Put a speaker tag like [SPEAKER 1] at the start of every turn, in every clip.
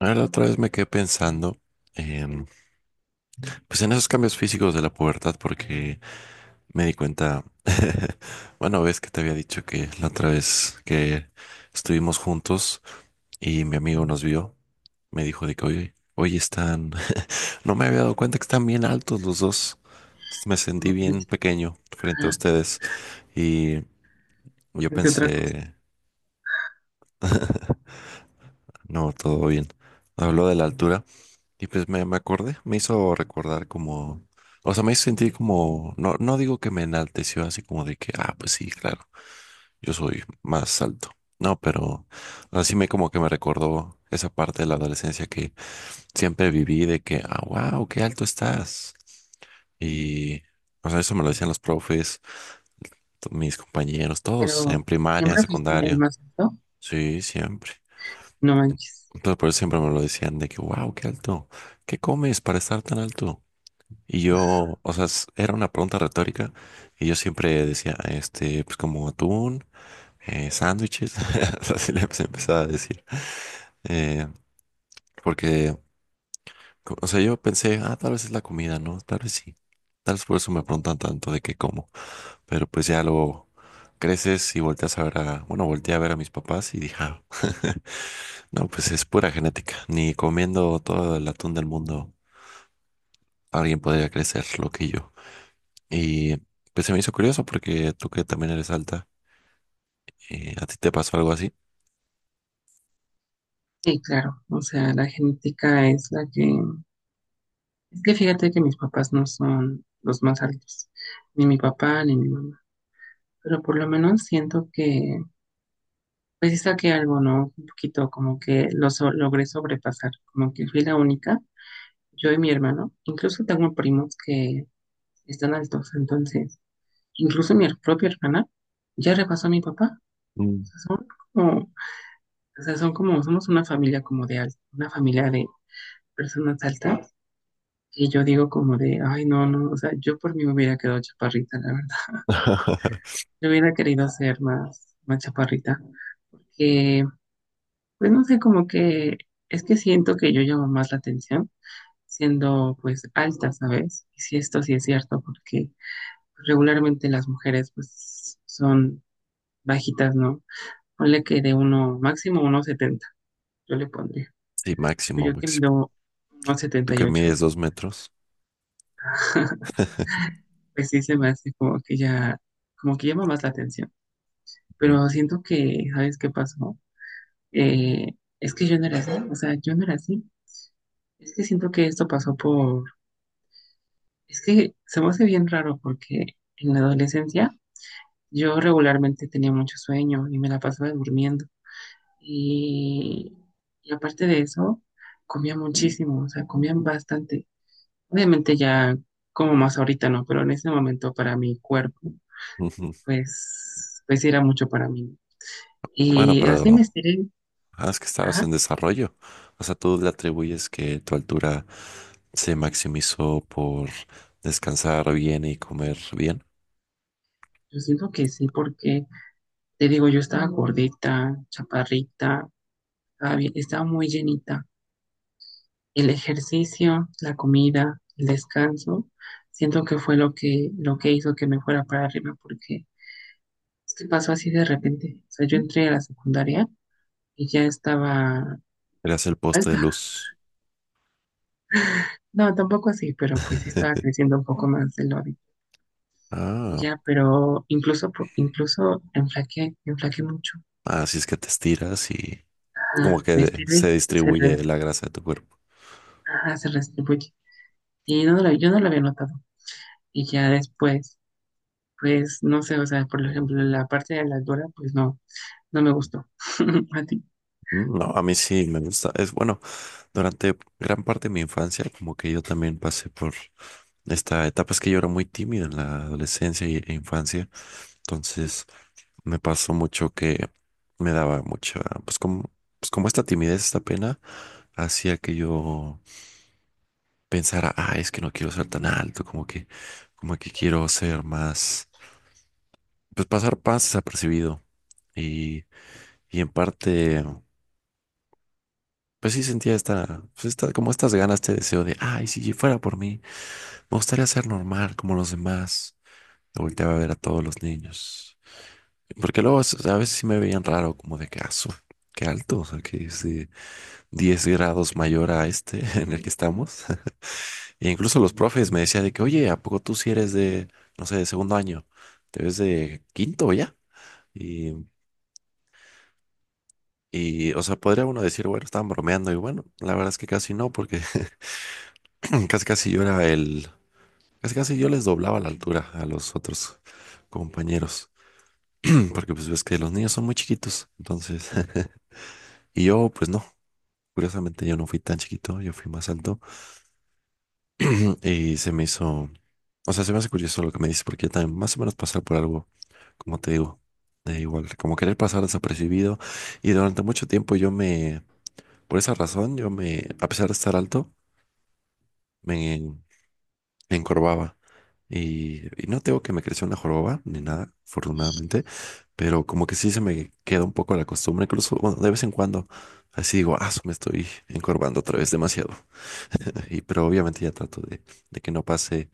[SPEAKER 1] Ah, la otra vez me quedé pensando, em, pues en esos cambios físicos de la pubertad, porque me di cuenta, bueno, ves que te había dicho que la otra vez que estuvimos juntos y mi amigo nos vio, me dijo de que, oye, hoy están, no me había dado cuenta que están bien altos los dos, me sentí
[SPEAKER 2] Como
[SPEAKER 1] bien
[SPEAKER 2] turista,
[SPEAKER 1] pequeño frente a ustedes y yo
[SPEAKER 2] entre otra cosa.
[SPEAKER 1] pensé, no, todo bien. Habló de la altura. Y pues me acordé, me hizo recordar como, o sea, me hizo sentir como, no, no digo que me enalteció así como de que, ah, pues sí, claro, yo soy más alto. No, pero así me como que me recordó esa parte de la adolescencia que siempre viví de que, ah, wow, qué alto estás. Y, o sea, eso me lo decían los profes, mis compañeros, todos
[SPEAKER 2] Pero
[SPEAKER 1] en primaria, en
[SPEAKER 2] siempre fuiste el
[SPEAKER 1] secundaria.
[SPEAKER 2] más alto,
[SPEAKER 1] Sí, siempre.
[SPEAKER 2] no manches.
[SPEAKER 1] Entonces, por eso siempre me lo decían de que, wow, qué alto. ¿Qué comes para estar tan alto? Y yo, o sea, era una pregunta retórica y yo siempre decía, este, pues como atún, sándwiches, o sea, así le empezaba a decir. Eh, porque, o sea, yo pensé, ah, tal vez es la comida, ¿no? Tal vez sí. Tal vez por eso me preguntan tanto de qué como. Pero pues ya luego creces y volteas a ver a, bueno, volteé a ver a mis papás y dije, "Ah, no, pues es pura genética. Ni comiendo todo el atún del mundo, alguien podría crecer lo que yo." Y pues se me hizo curioso porque tú que también eres alta, ¿a ti te pasó algo así?
[SPEAKER 2] Sí, claro, o sea, la genética es la que... Es que fíjate que mis papás no son los más altos, ni mi papá ni mi mamá, pero por lo menos siento que, pues sí saqué algo, ¿no? Un poquito como que logré sobrepasar, como que fui la única, yo y mi hermano, incluso tengo primos que están altos, entonces, incluso mi propia hermana ya repasó a mi papá, o
[SPEAKER 1] Mm.
[SPEAKER 2] sea, son como. O sea, son como, somos una familia como de alta, una familia de personas altas. Y yo digo como de, ay, no, no, o sea, yo por mí me hubiera quedado chaparrita, la verdad. Yo hubiera querido ser más chaparrita. Que, pues no sé, como que es que siento que yo llamo más la atención siendo pues alta, ¿sabes? Y si esto sí es cierto, porque regularmente las mujeres pues son bajitas, ¿no? Ponle que de uno, máximo uno setenta yo le pondría.
[SPEAKER 1] Sí, máximo,
[SPEAKER 2] Pero yo que
[SPEAKER 1] máximo.
[SPEAKER 2] mido uno
[SPEAKER 1] Tú
[SPEAKER 2] setenta y
[SPEAKER 1] que
[SPEAKER 2] ocho.
[SPEAKER 1] mides 2 metros.
[SPEAKER 2] Pues sí se me hace como que ya, como que llama más la atención.
[SPEAKER 1] Mm,
[SPEAKER 2] Pero siento que, ¿sabes qué pasó? Eh, es que yo no era así, o sea, yo no era así. Es que siento que esto pasó por, es que se me hace bien raro porque en la adolescencia yo regularmente tenía mucho sueño y me la pasaba durmiendo. Y, y aparte de eso, comía muchísimo, o sea, comía bastante. Obviamente ya como más ahorita no, pero en ese momento para mi cuerpo,
[SPEAKER 1] ujú.
[SPEAKER 2] pues, pues era mucho para mí, ¿no?
[SPEAKER 1] Bueno,
[SPEAKER 2] Y así me
[SPEAKER 1] pero
[SPEAKER 2] estiré.
[SPEAKER 1] ah, es que estabas
[SPEAKER 2] Ajá.
[SPEAKER 1] en desarrollo. O sea, tú le atribuyes que tu altura se maximizó por descansar bien y comer bien.
[SPEAKER 2] Yo siento que sí, porque te digo, yo estaba gordita, chaparrita, estaba muy llenita. El ejercicio, la comida, el descanso, siento que fue lo que hizo que me fuera para arriba, porque es que pasó así de repente. O sea, yo entré a la secundaria y ya estaba
[SPEAKER 1] Eras el poste de
[SPEAKER 2] alta.
[SPEAKER 1] luz.
[SPEAKER 2] No, tampoco así, pero pues sí estaba creciendo un poco más de lo habitual. Y
[SPEAKER 1] Ah.
[SPEAKER 2] ya, pero incluso enflaqué, enflaqué mucho.
[SPEAKER 1] Así es que te estiras y como
[SPEAKER 2] Ah,
[SPEAKER 1] que
[SPEAKER 2] Mr.
[SPEAKER 1] se
[SPEAKER 2] Luis
[SPEAKER 1] distribuye la grasa de tu cuerpo.
[SPEAKER 2] ajá, se redistribuye. Y yo no lo había notado. Y ya después, pues no sé, o sea, por ejemplo, la parte de la Dora, pues no, no me gustó. A ti.
[SPEAKER 1] Mm. No, a mí sí me gusta. Es bueno, durante gran parte de mi infancia, como que yo también pasé por esta etapa. Es que yo era muy tímido en la adolescencia e infancia. Entonces me pasó mucho que me daba mucha, pues como esta timidez, esta pena, hacía que yo pensara, ah, es que no quiero ser tan alto, como que quiero ser más, pues pasar más desapercibido. Y Y en parte, pues sí sentía esta, pues esta, como estas ganas, este deseo de, ay, si fuera por mí, me gustaría ser normal como los demás. Me volteaba a ver a todos los niños. Porque luego o sea, a veces sí me veían raro, como de que, "Ah, qué alto, o sea, que es de 10 grados mayor a este en el que estamos." E incluso los profes me decían de que, oye, ¿a poco tú si eres de, no sé, de segundo año? ¿Te ves de quinto ya? Y, y, o sea, podría uno decir, bueno, estaban bromeando y bueno, la verdad es que casi no, porque Casi casi yo era el, casi casi yo les doblaba la altura a los otros compañeros, porque pues ves que los niños son muy chiquitos, entonces, y yo pues no, curiosamente yo no fui tan chiquito, yo fui más alto y se me hizo, o sea, se me hace curioso lo que me dices, porque yo también más o menos pasar por algo, como te digo, de igual, como querer pasar desapercibido y durante mucho tiempo yo me, por esa razón, yo me, a pesar de estar alto, me me encorvaba. Y, no tengo que me creció una joroba ni nada, afortunadamente, pero como que sí se me queda un poco la costumbre, incluso, bueno, de vez en cuando, así digo, ah, su, me estoy encorvando otra vez demasiado. Y, pero obviamente ya trato de que no pase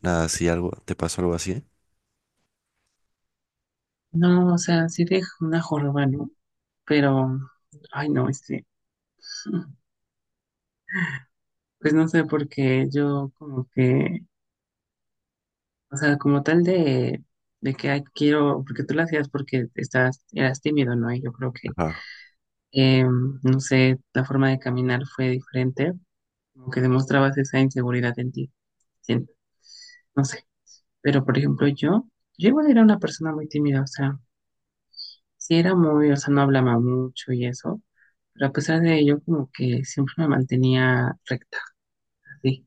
[SPEAKER 1] nada, si algo, te pasó algo así, ¿eh?
[SPEAKER 2] No, o sea, sí de una joroba, ¿no? Pero, ay, no, este, pues no sé, porque yo como que, o sea, como tal de que ay, quiero, porque tú lo hacías porque estás, eras tímido, ¿no? Y yo creo que,
[SPEAKER 1] Ajá,
[SPEAKER 2] no sé, la forma de caminar fue diferente como que demostrabas esa inseguridad en ti. Siento, no sé. Pero, por ejemplo, yo igual era una persona muy tímida, o sea, sí era muy, o sea, no hablaba mucho y eso, pero a pesar de ello, como que siempre me mantenía recta, así,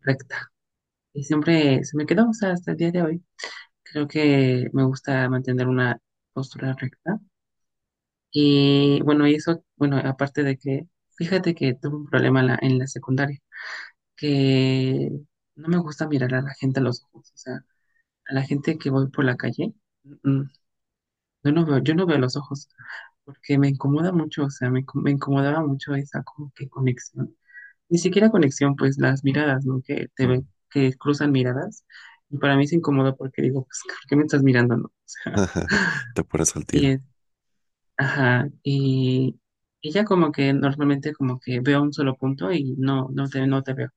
[SPEAKER 2] recta. Y siempre se me quedó, o sea, hasta el día de hoy. Creo que me gusta mantener una postura recta. Y bueno, y eso, bueno, aparte de que, fíjate que tuve un problema en la secundaria, que no me gusta mirar a la gente a los ojos, o sea, a la gente que voy por la calle, mm, mm, yo no veo los ojos, porque me incomoda mucho, o sea, me incomodaba mucho esa como que conexión, ni siquiera conexión, pues las miradas, ¿no? Que te
[SPEAKER 1] mm,
[SPEAKER 2] ven, que cruzan miradas, y para mí se incomoda porque digo, pues, ¿por qué me estás mirando, no? O sea,
[SPEAKER 1] te pones al
[SPEAKER 2] y,
[SPEAKER 1] tiro.
[SPEAKER 2] es- ajá, y ya como que normalmente como que veo un solo punto y no, no te, no te veo.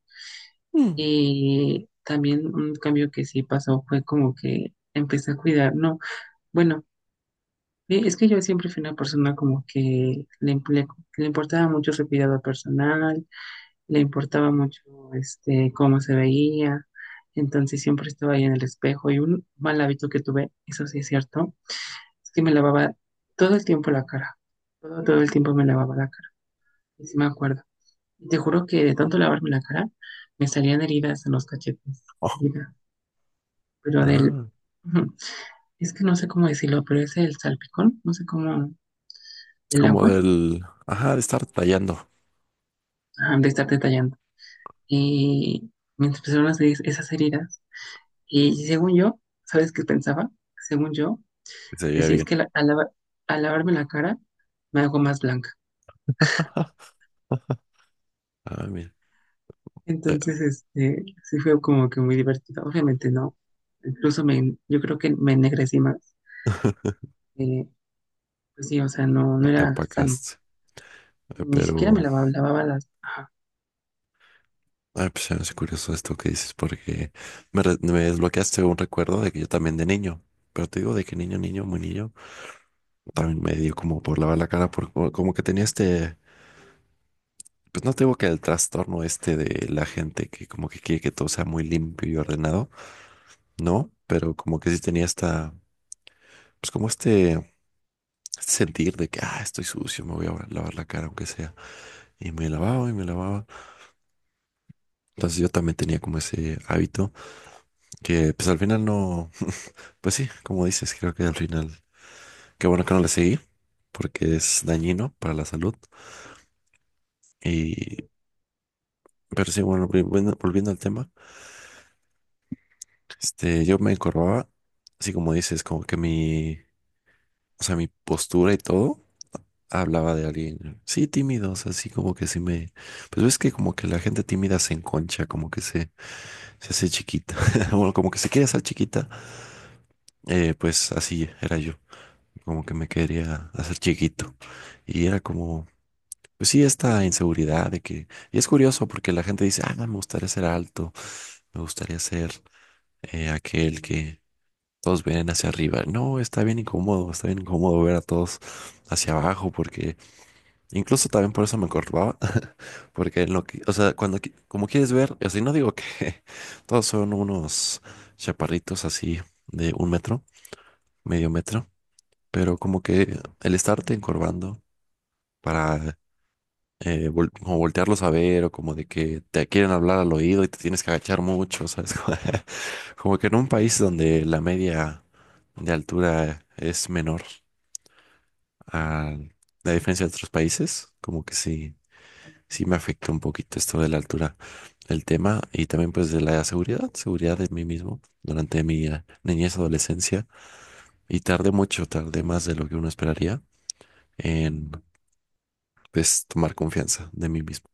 [SPEAKER 1] Mm.
[SPEAKER 2] Y también un cambio que sí pasó fue como que empecé a cuidar, no, bueno, es que yo siempre fui una persona como que le importaba mucho su cuidado personal, le importaba mucho este cómo se veía, entonces siempre estaba ahí en el espejo y un mal hábito que tuve, eso sí es cierto, es que me lavaba todo el tiempo la cara, todo el tiempo me lavaba la cara, y sí me acuerdo. Y te juro que de tanto lavarme la cara, me salían heridas en los cachetes,
[SPEAKER 1] Oh,
[SPEAKER 2] heridas. Pero del,
[SPEAKER 1] ah,
[SPEAKER 2] ujú, es que no sé cómo decirlo, pero es el salpicón, no sé cómo,
[SPEAKER 1] es
[SPEAKER 2] el
[SPEAKER 1] como
[SPEAKER 2] agua,
[SPEAKER 1] del, ajá, de estar tallando,
[SPEAKER 2] ah, de estar detallando. Y mientras personas se dicen esas heridas, y según yo, ¿sabes qué pensaba? Según yo,
[SPEAKER 1] se veía
[SPEAKER 2] decía es
[SPEAKER 1] bien.
[SPEAKER 2] que al lavarme la cara me hago más blanca.
[SPEAKER 1] Ah, mira, te,
[SPEAKER 2] Entonces, este, sí fue como que muy divertido. Obviamente no, incluso me, yo creo que me ennegrecí más. Eh, pues sí, o sea, no, no
[SPEAKER 1] te
[SPEAKER 2] era sano.
[SPEAKER 1] apacaste. Eh,
[SPEAKER 2] Ni siquiera
[SPEAKER 1] pero...
[SPEAKER 2] lavaba las,
[SPEAKER 1] Ah, pues se me hace curioso esto que dices, porque me desbloqueaste un recuerdo de que yo también de niño, pero te digo de que niño, niño, muy niño, también me dio como por lavar la cara, por, como que tenía este, pues no te digo que el trastorno este de la gente que como que quiere que todo sea muy limpio y ordenado, no, pero como que sí tenía esta, pues como este sentir de que, ah, estoy sucio, me voy a lavar la cara aunque sea, y me lavaba, entonces yo también tenía como ese hábito que pues al final no. Pues sí, como dices, creo que al final, qué bueno que no le seguí, porque es dañino para la salud. Y, pero sí, bueno, volviendo al tema, este, yo me encorvaba, así como dices, como que mi, o sea, mi postura y todo hablaba de alguien, sí, tímido, o sea, así como que sí me, pues ves que como que la gente tímida se enconcha, como que se hace chiquita, bueno, como que se quiere hacer chiquita, pues así era yo, como que me quería hacer chiquito. Y era como pues sí, esta inseguridad de que... Y es curioso porque la gente dice, ah, no, me gustaría ser alto, me gustaría ser aquel que todos ven hacia arriba. No, está bien incómodo ver a todos hacia abajo porque incluso también por eso me encorvaba, porque en lo que, o sea, cuando, como quieres ver, así no digo que todos son unos chaparritos así de 1 metro, medio metro, pero como que el estarte encorvando. Para como voltearlos a ver o como de que te quieren hablar al oído y te tienes que agachar mucho, ¿sabes? Como que en un país donde la media de altura es menor a la diferencia de otros países, como que sí, sí me afecta un poquito esto de la altura, el tema y también pues de la seguridad, seguridad de mí mismo durante mi niñez, adolescencia y tardé mucho, tardé más de lo que uno esperaría en pues tomar confianza de mí mismo.